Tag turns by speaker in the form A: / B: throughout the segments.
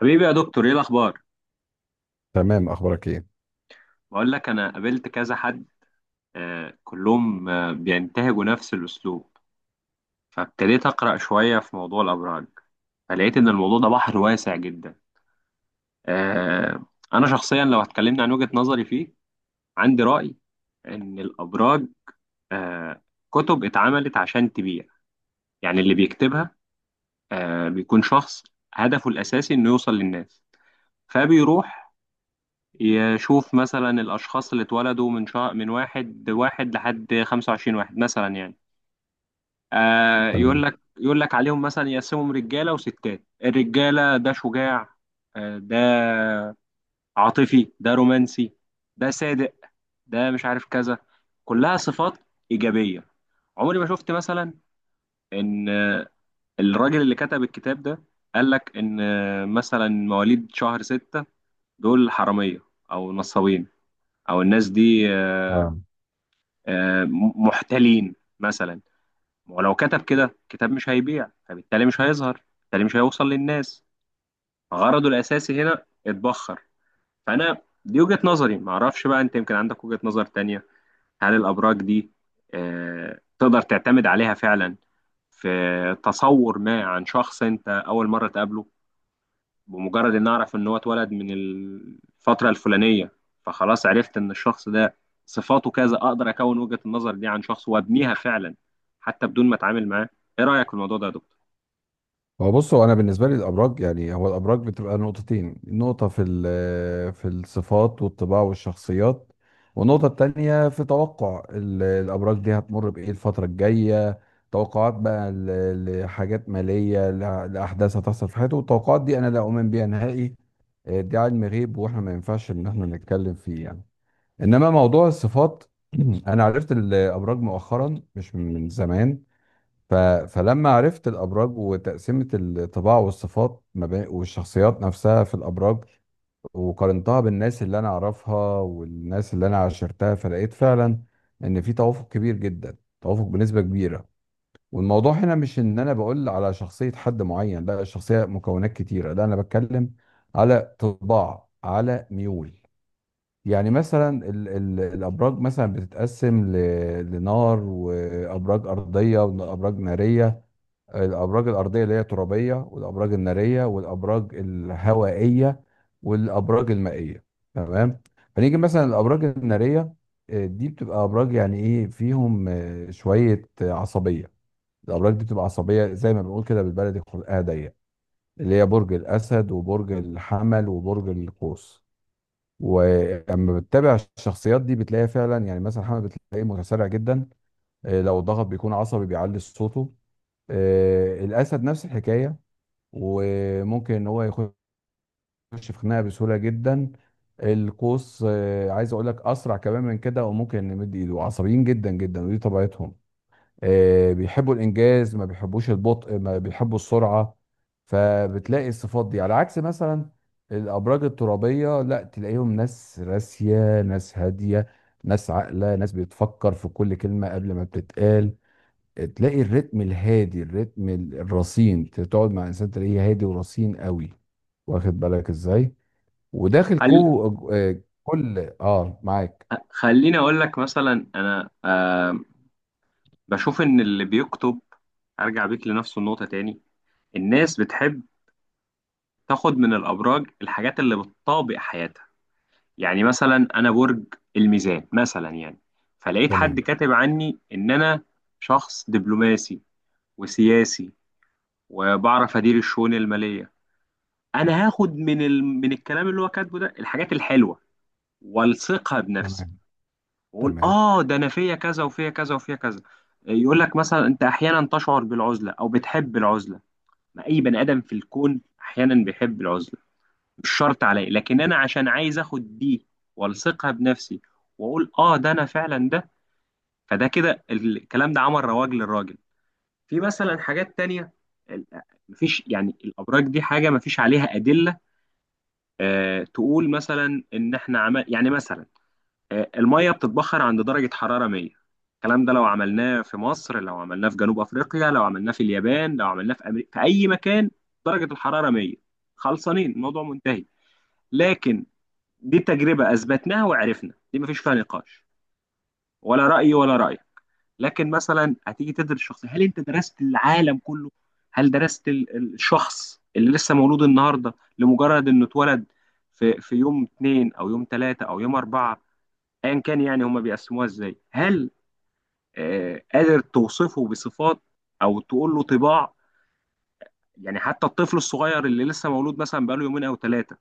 A: حبيبي يا دكتور، ايه الاخبار؟
B: تمام، اخبارك ايه؟
A: بقول لك انا قابلت كذا حد. آه، كلهم بينتهجوا نفس الاسلوب. فابتديت اقرا شويه في موضوع الابراج، فلقيت ان الموضوع ده بحر واسع جدا. آه. انا شخصيا لو اتكلمنا عن وجهه نظري فيه، عندي راي ان الابراج، آه كتب اتعملت عشان تبيع. يعني اللي بيكتبها بيكون شخص هدفه الاساسي انه يوصل للناس. فبيروح يشوف مثلا الأشخاص اللي اتولدوا من شهر، من واحد واحد لحد 25 واحد مثلا، يعني آه، يقول
B: تمام.
A: لك يقول لك عليهم مثلا، يقسمهم رجالة وستات. الرجالة ده شجاع، آه، ده عاطفي، ده رومانسي، ده صادق، ده مش عارف كذا، كلها صفات إيجابية. عمري ما شفت مثلا إن الراجل اللي كتب الكتاب ده قال لك إن، مثلا، مواليد شهر ستة دول حرامية أو نصابين، أو الناس دي
B: اه
A: محتلين مثلا. ولو كتب كده كتاب مش هيبيع، فبالتالي مش هيظهر، بالتالي مش هيوصل للناس، غرضه الأساسي هنا اتبخر. فأنا دي وجهة نظري، معرفش بقى أنت يمكن عندك وجهة نظر تانية. هل الأبراج دي تقدر تعتمد عليها فعلا في تصور ما عن شخص أنت أول مرة تقابله؟ بمجرد ان اعرف ان هو اتولد من الفتره الفلانيه، فخلاص عرفت ان الشخص ده صفاته كذا، اقدر اكون وجهه النظر دي عن شخص وابنيها فعلا حتى بدون ما اتعامل معاه. ايه رايك في الموضوع ده يا دكتور؟
B: هو بص هو انا بالنسبه لي الابراج، يعني الابراج بتبقى نقطتين: نقطه في الصفات والطباع والشخصيات، والنقطه التانية في توقع الابراج دي هتمر بايه الفتره الجايه. توقعات بقى لحاجات ماليه، لاحداث هتحصل في حياته، والتوقعات دي انا لا اؤمن بيها نهائي. دي علم غيب واحنا ما ينفعش ان احنا نتكلم فيه يعني. انما موضوع الصفات انا عرفت الابراج مؤخرا مش من زمان. ف... فلما عرفت الابراج وتقسيمه الطباع والصفات ما بين والشخصيات نفسها في الابراج، وقارنتها بالناس اللي انا اعرفها والناس اللي انا عاشرتها، فلقيت فعلا ان في توافق كبير جدا، توافق بنسبه كبيره. والموضوع هنا مش ان انا بقول على شخصيه حد معين، لا، الشخصيه مكونات كتيره، لا انا بتكلم على طباع، على ميول. يعني مثلا ال ال الابراج مثلا بتتقسم لنار وابراج ارضيه وابراج ناريه. الابراج الارضيه اللي هي ترابيه، والابراج الناريه، والابراج الهوائيه، والابراج المائيه. تمام. فنيجي مثلا الابراج الناريه، دي بتبقى ابراج يعني ايه، فيهم شويه عصبيه. الابراج دي بتبقى عصبيه زي ما بنقول كده بالبلدي خلقها ضيق، اللي هي برج الاسد وبرج الحمل وبرج القوس. ولما بتتابع الشخصيات دي بتلاقيها فعلا. يعني مثلا الحمل بتلاقيه متسرع جدا، لو ضغط بيكون عصبي بيعلي صوته. الاسد نفس الحكايه، وممكن ان هو يخش في خناقه بسهوله جدا. القوس عايز اقول لك اسرع كمان من كده، وممكن يمد ايده، عصبيين جدا جدا ودي طبيعتهم. بيحبوا الانجاز، ما بيحبوش البطء، ما بيحبوا السرعه. فبتلاقي الصفات دي على عكس مثلا الابراج الترابيه، لا تلاقيهم ناس راسيه، ناس هاديه، ناس عاقله، ناس بتفكر في كل كلمه قبل ما بتتقال. تلاقي الريتم الهادي، الريتم الرصين، تقعد مع انسان تلاقيه هادي ورصين قوي. واخد بالك ازاي؟ وداخل
A: هل،
B: كو آه، كل معاك.
A: خليني اقول لك مثلا، انا بشوف ان اللي بيكتب، ارجع بيك لنفس النقطه تاني، الناس بتحب تاخد من الابراج الحاجات اللي بتطابق حياتها. يعني مثلا انا برج الميزان مثلا، يعني فلقيت حد
B: تمام.
A: كاتب عني ان انا شخص دبلوماسي وسياسي وبعرف ادير الشؤون الماليه. انا هاخد من من الكلام اللي هو كاتبه ده الحاجات الحلوه والصقها بنفسي،
B: تمام.
A: واقول
B: تمام.
A: اه ده انا فيا كذا وفيا كذا وفيا كذا. يقول لك مثلا انت احيانا تشعر بالعزله او بتحب العزله. ما اي بني ادم في الكون احيانا بيحب العزله، مش شرط عليا، لكن انا عشان عايز اخد دي والصقها بنفسي واقول اه ده انا فعلا ده. فده كده الكلام ده عمل رواج للراجل. في مثلا حاجات تانية، ال- مفيش، يعني الابراج دي حاجه مفيش عليها ادله. تقول مثلا ان احنا عمل، يعني مثلا، الميه بتتبخر عند درجه حراره 100. الكلام ده لو عملناه في مصر، لو عملناه في جنوب افريقيا، لو عملناه في اليابان، لو عملناه في امريكا، في اي مكان، درجه الحراره 100. خلصانين، الموضوع منتهي. لكن دي تجربه اثبتناها وعرفنا، دي مفيش فيها نقاش ولا راي ولا راي. لكن مثلا هتيجي تدرس الشخصيه، هل انت درست العالم كله؟ هل درست الشخص اللي لسه مولود النهارده، لمجرد انه اتولد في يوم اتنين او يوم تلاته او يوم اربعه، ايا كان، يعني هما بيقسموها ازاي؟ هل قادر توصفه بصفات او تقول له طباع؟ يعني حتى الطفل الصغير اللي لسه مولود، مثلا بقاله يومين او ثلاثه،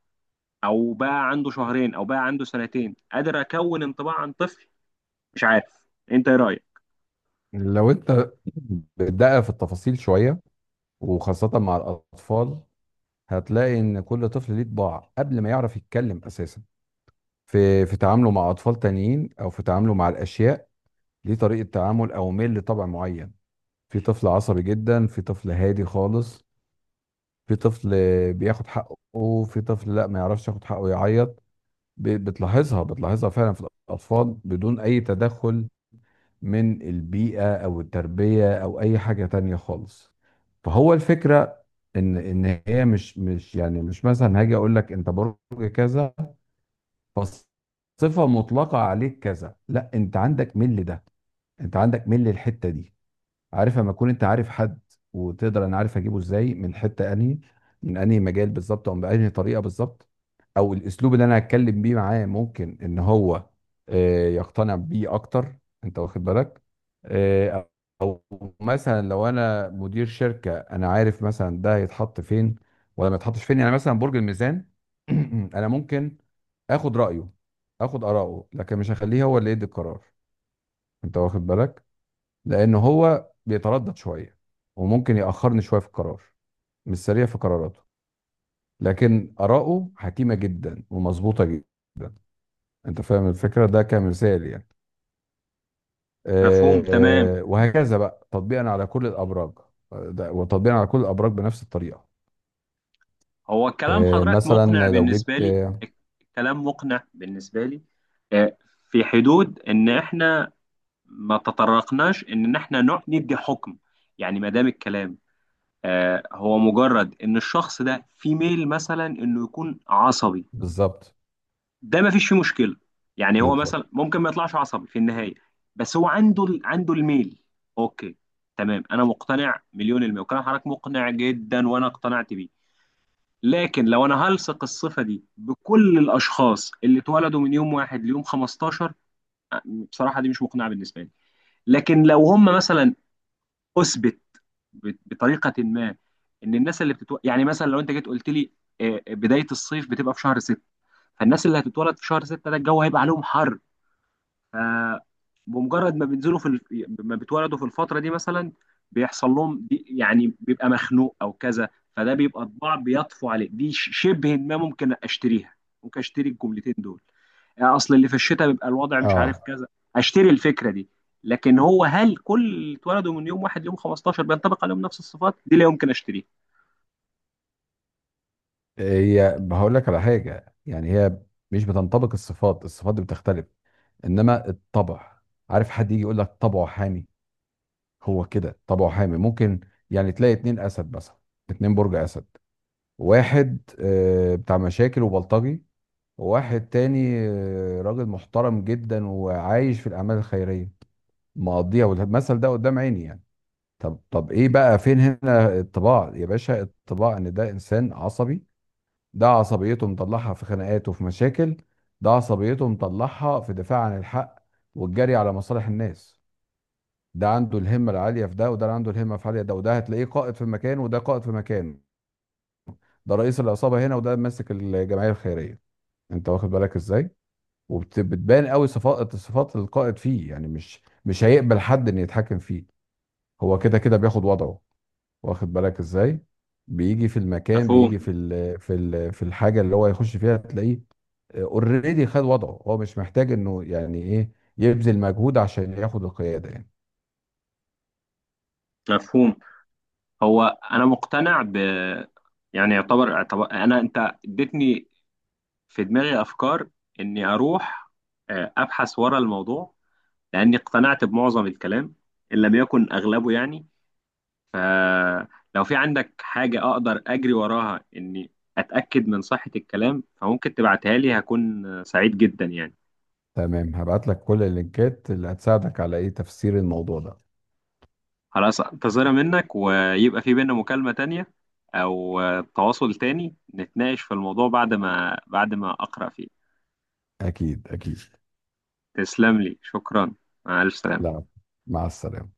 A: او بقى عنده شهرين او بقى عنده سنتين، قادر اكون انطباع عن طفل؟ مش عارف، انت ايه رايك؟
B: لو انت بتدقق في التفاصيل شويه، وخاصه مع الاطفال، هتلاقي ان كل طفل ليه طباع قبل ما يعرف يتكلم اساسا، في في تعامله مع اطفال تانيين او في تعامله مع الاشياء، ليه طريقه تعامل او ميل لطبع معين. في طفل عصبي جدا، في طفل هادي خالص، في طفل بياخد حقه، في طفل لا ما يعرفش ياخد حقه يعيط. بتلاحظها، بتلاحظها فعلا في الأطفال بدون أي تدخل من البيئة أو التربية أو أي حاجة تانية خالص. فهو الفكرة إن هي مش يعني مش، مثلا هاجي أقول لك أنت برج كذا فصفة مطلقة عليك كذا، لا، أنت عندك ميل ده، أنت عندك ميل الحتة دي. عارف لما تكون انت عارف حد، وتقدر انا عارف اجيبه ازاي، من حته انهي، من انهي مجال بالظبط، او بانهي طريقه بالظبط، او الاسلوب اللي انا هتكلم بيه معاه ممكن ان هو يقتنع بيه اكتر. انت واخد بالك؟ آه، او مثلا لو انا مدير شركه، انا عارف مثلا ده هيتحط فين ولا ما يتحطش فين. يعني مثلا برج الميزان انا ممكن اخد رايه، اخد اراءه، لكن مش هخليه هو اللي يدي القرار. انت واخد بالك؟ لان هو بيتردد شويه وممكن ياخرني شويه في القرار، مش سريع في قراراته، لكن اراءه حكيمه جدا ومظبوطه جدا. انت فاهم الفكره، ده كمثال يعني.
A: مفهوم، تمام.
B: وهكذا بقى تطبيقا على كل الابراج. وتطبيقا على كل الابراج بنفس الطريقه.
A: هو الكلام حضرتك مقنع
B: مثلا لو جيت
A: بالنسبة لي. الكلام مقنع بالنسبة لي. آه، في حدود إن إحنا ما تطرقناش إن إحنا ندي حكم. يعني ما دام الكلام هو مجرد إن الشخص ده في ميل مثلا إنه يكون عصبي،
B: بالظبط.
A: ده ما فيش فيه مشكلة. يعني هو
B: بالظبط.
A: مثلا ممكن ما يطلعش عصبي في النهاية، بس هو عنده عنده الميل. أوكي، تمام. أنا مقتنع مليون المية، وكلام حضرتك مقنع جدا وأنا اقتنعت بيه. لكن لو انا هلصق الصفه دي بكل الاشخاص اللي اتولدوا من يوم واحد ليوم 15، بصراحه دي مش مقنعه بالنسبه لي. لكن لو هم مثلا اثبت بطريقه ما ان الناس يعني مثلا لو انت جيت قلت لي بدايه الصيف بتبقى في شهر 6، فالناس اللي هتتولد في شهر 6 ده الجو هيبقى عليهم حر، آه، بمجرد ما ما بيتولدوا في الفترة دي مثلا بيحصل لهم دي، يعني بيبقى مخنوق او كذا، فده بيبقى طباع بيطفو عليه، دي شبه ما ممكن اشتريها. ممكن اشتري الجملتين دول، اصل اللي في الشتاء بيبقى الوضع مش عارف
B: اه.
A: كذا. اشتري الفكرة دي. لكن هو هل كل اللي اتولدوا من يوم واحد يوم 15 بينطبق عليهم نفس الصفات دي؟ لا يمكن اشتريها.
B: هي هقول لك على حاجه، يعني هي مش بتنطبق الصفات، الصفات دي بتختلف، انما الطبع. عارف حد يجي يقول لك طبعه حامي، هو كده طبعه حامي ممكن. يعني تلاقي اتنين اسد مثلا، اتنين برج اسد، واحد بتاع مشاكل وبلطجي، وواحد تاني راجل محترم جدا وعايش في الاعمال الخيريه مقضيها، والمثل ده قدام عيني يعني. طب، طب ايه بقى؟ فين هنا الطباع يا باشا؟ الطباع ان ده انسان عصبي، ده عصبيته مطلعها في خناقات وفي مشاكل، ده عصبيته مطلعها في دفاع عن الحق والجري على مصالح الناس. ده عنده الهمه العاليه في ده، وده اللي عنده الهمه في عاليه ده، وده هتلاقيه قائد في مكان وده قائد في مكان، ده رئيس العصابه هنا وده ماسك الجمعيه الخيريه. انت واخد بالك ازاي؟ وبتبان قوي صفات، صفات القائد فيه، يعني مش هيقبل حد ان يتحكم فيه، هو كده كده بياخد وضعه. واخد بالك ازاي؟ بيجي في المكان،
A: مفهوم،
B: بيجي في الحاجه اللي هو يخش فيها تلاقيه اوريدي خد وضعه، هو مش محتاج انه يعني ايه يبذل مجهود عشان ياخد القياده يعني.
A: مفهوم. هو انا مقتنع ب، يعني يعتبر، اعتبر انا انت اديتني في دماغي أفكار إني أروح أبحث ورا الموضوع، لأني اقتنعت بمعظم الكلام إن لم يكن أغلبه، يعني. فلو في عندك حاجة أقدر أجري وراها إني أتأكد من صحة الكلام، فممكن تبعتها لي، هكون سعيد جدا يعني.
B: تمام، هبعت لك كل اللينكات اللي هتساعدك على ايه تفسير الموضوع ده.
A: خلاص، أنتظرها منك، ويبقى في بينا مكالمة تانية أو تواصل تاني نتناقش في الموضوع بعد ما، بعد ما أقرأ فيه.
B: اكيد، اكيد.
A: تسلم لي، شكرا. مع ألف سلامة.
B: لا، مع السلامة.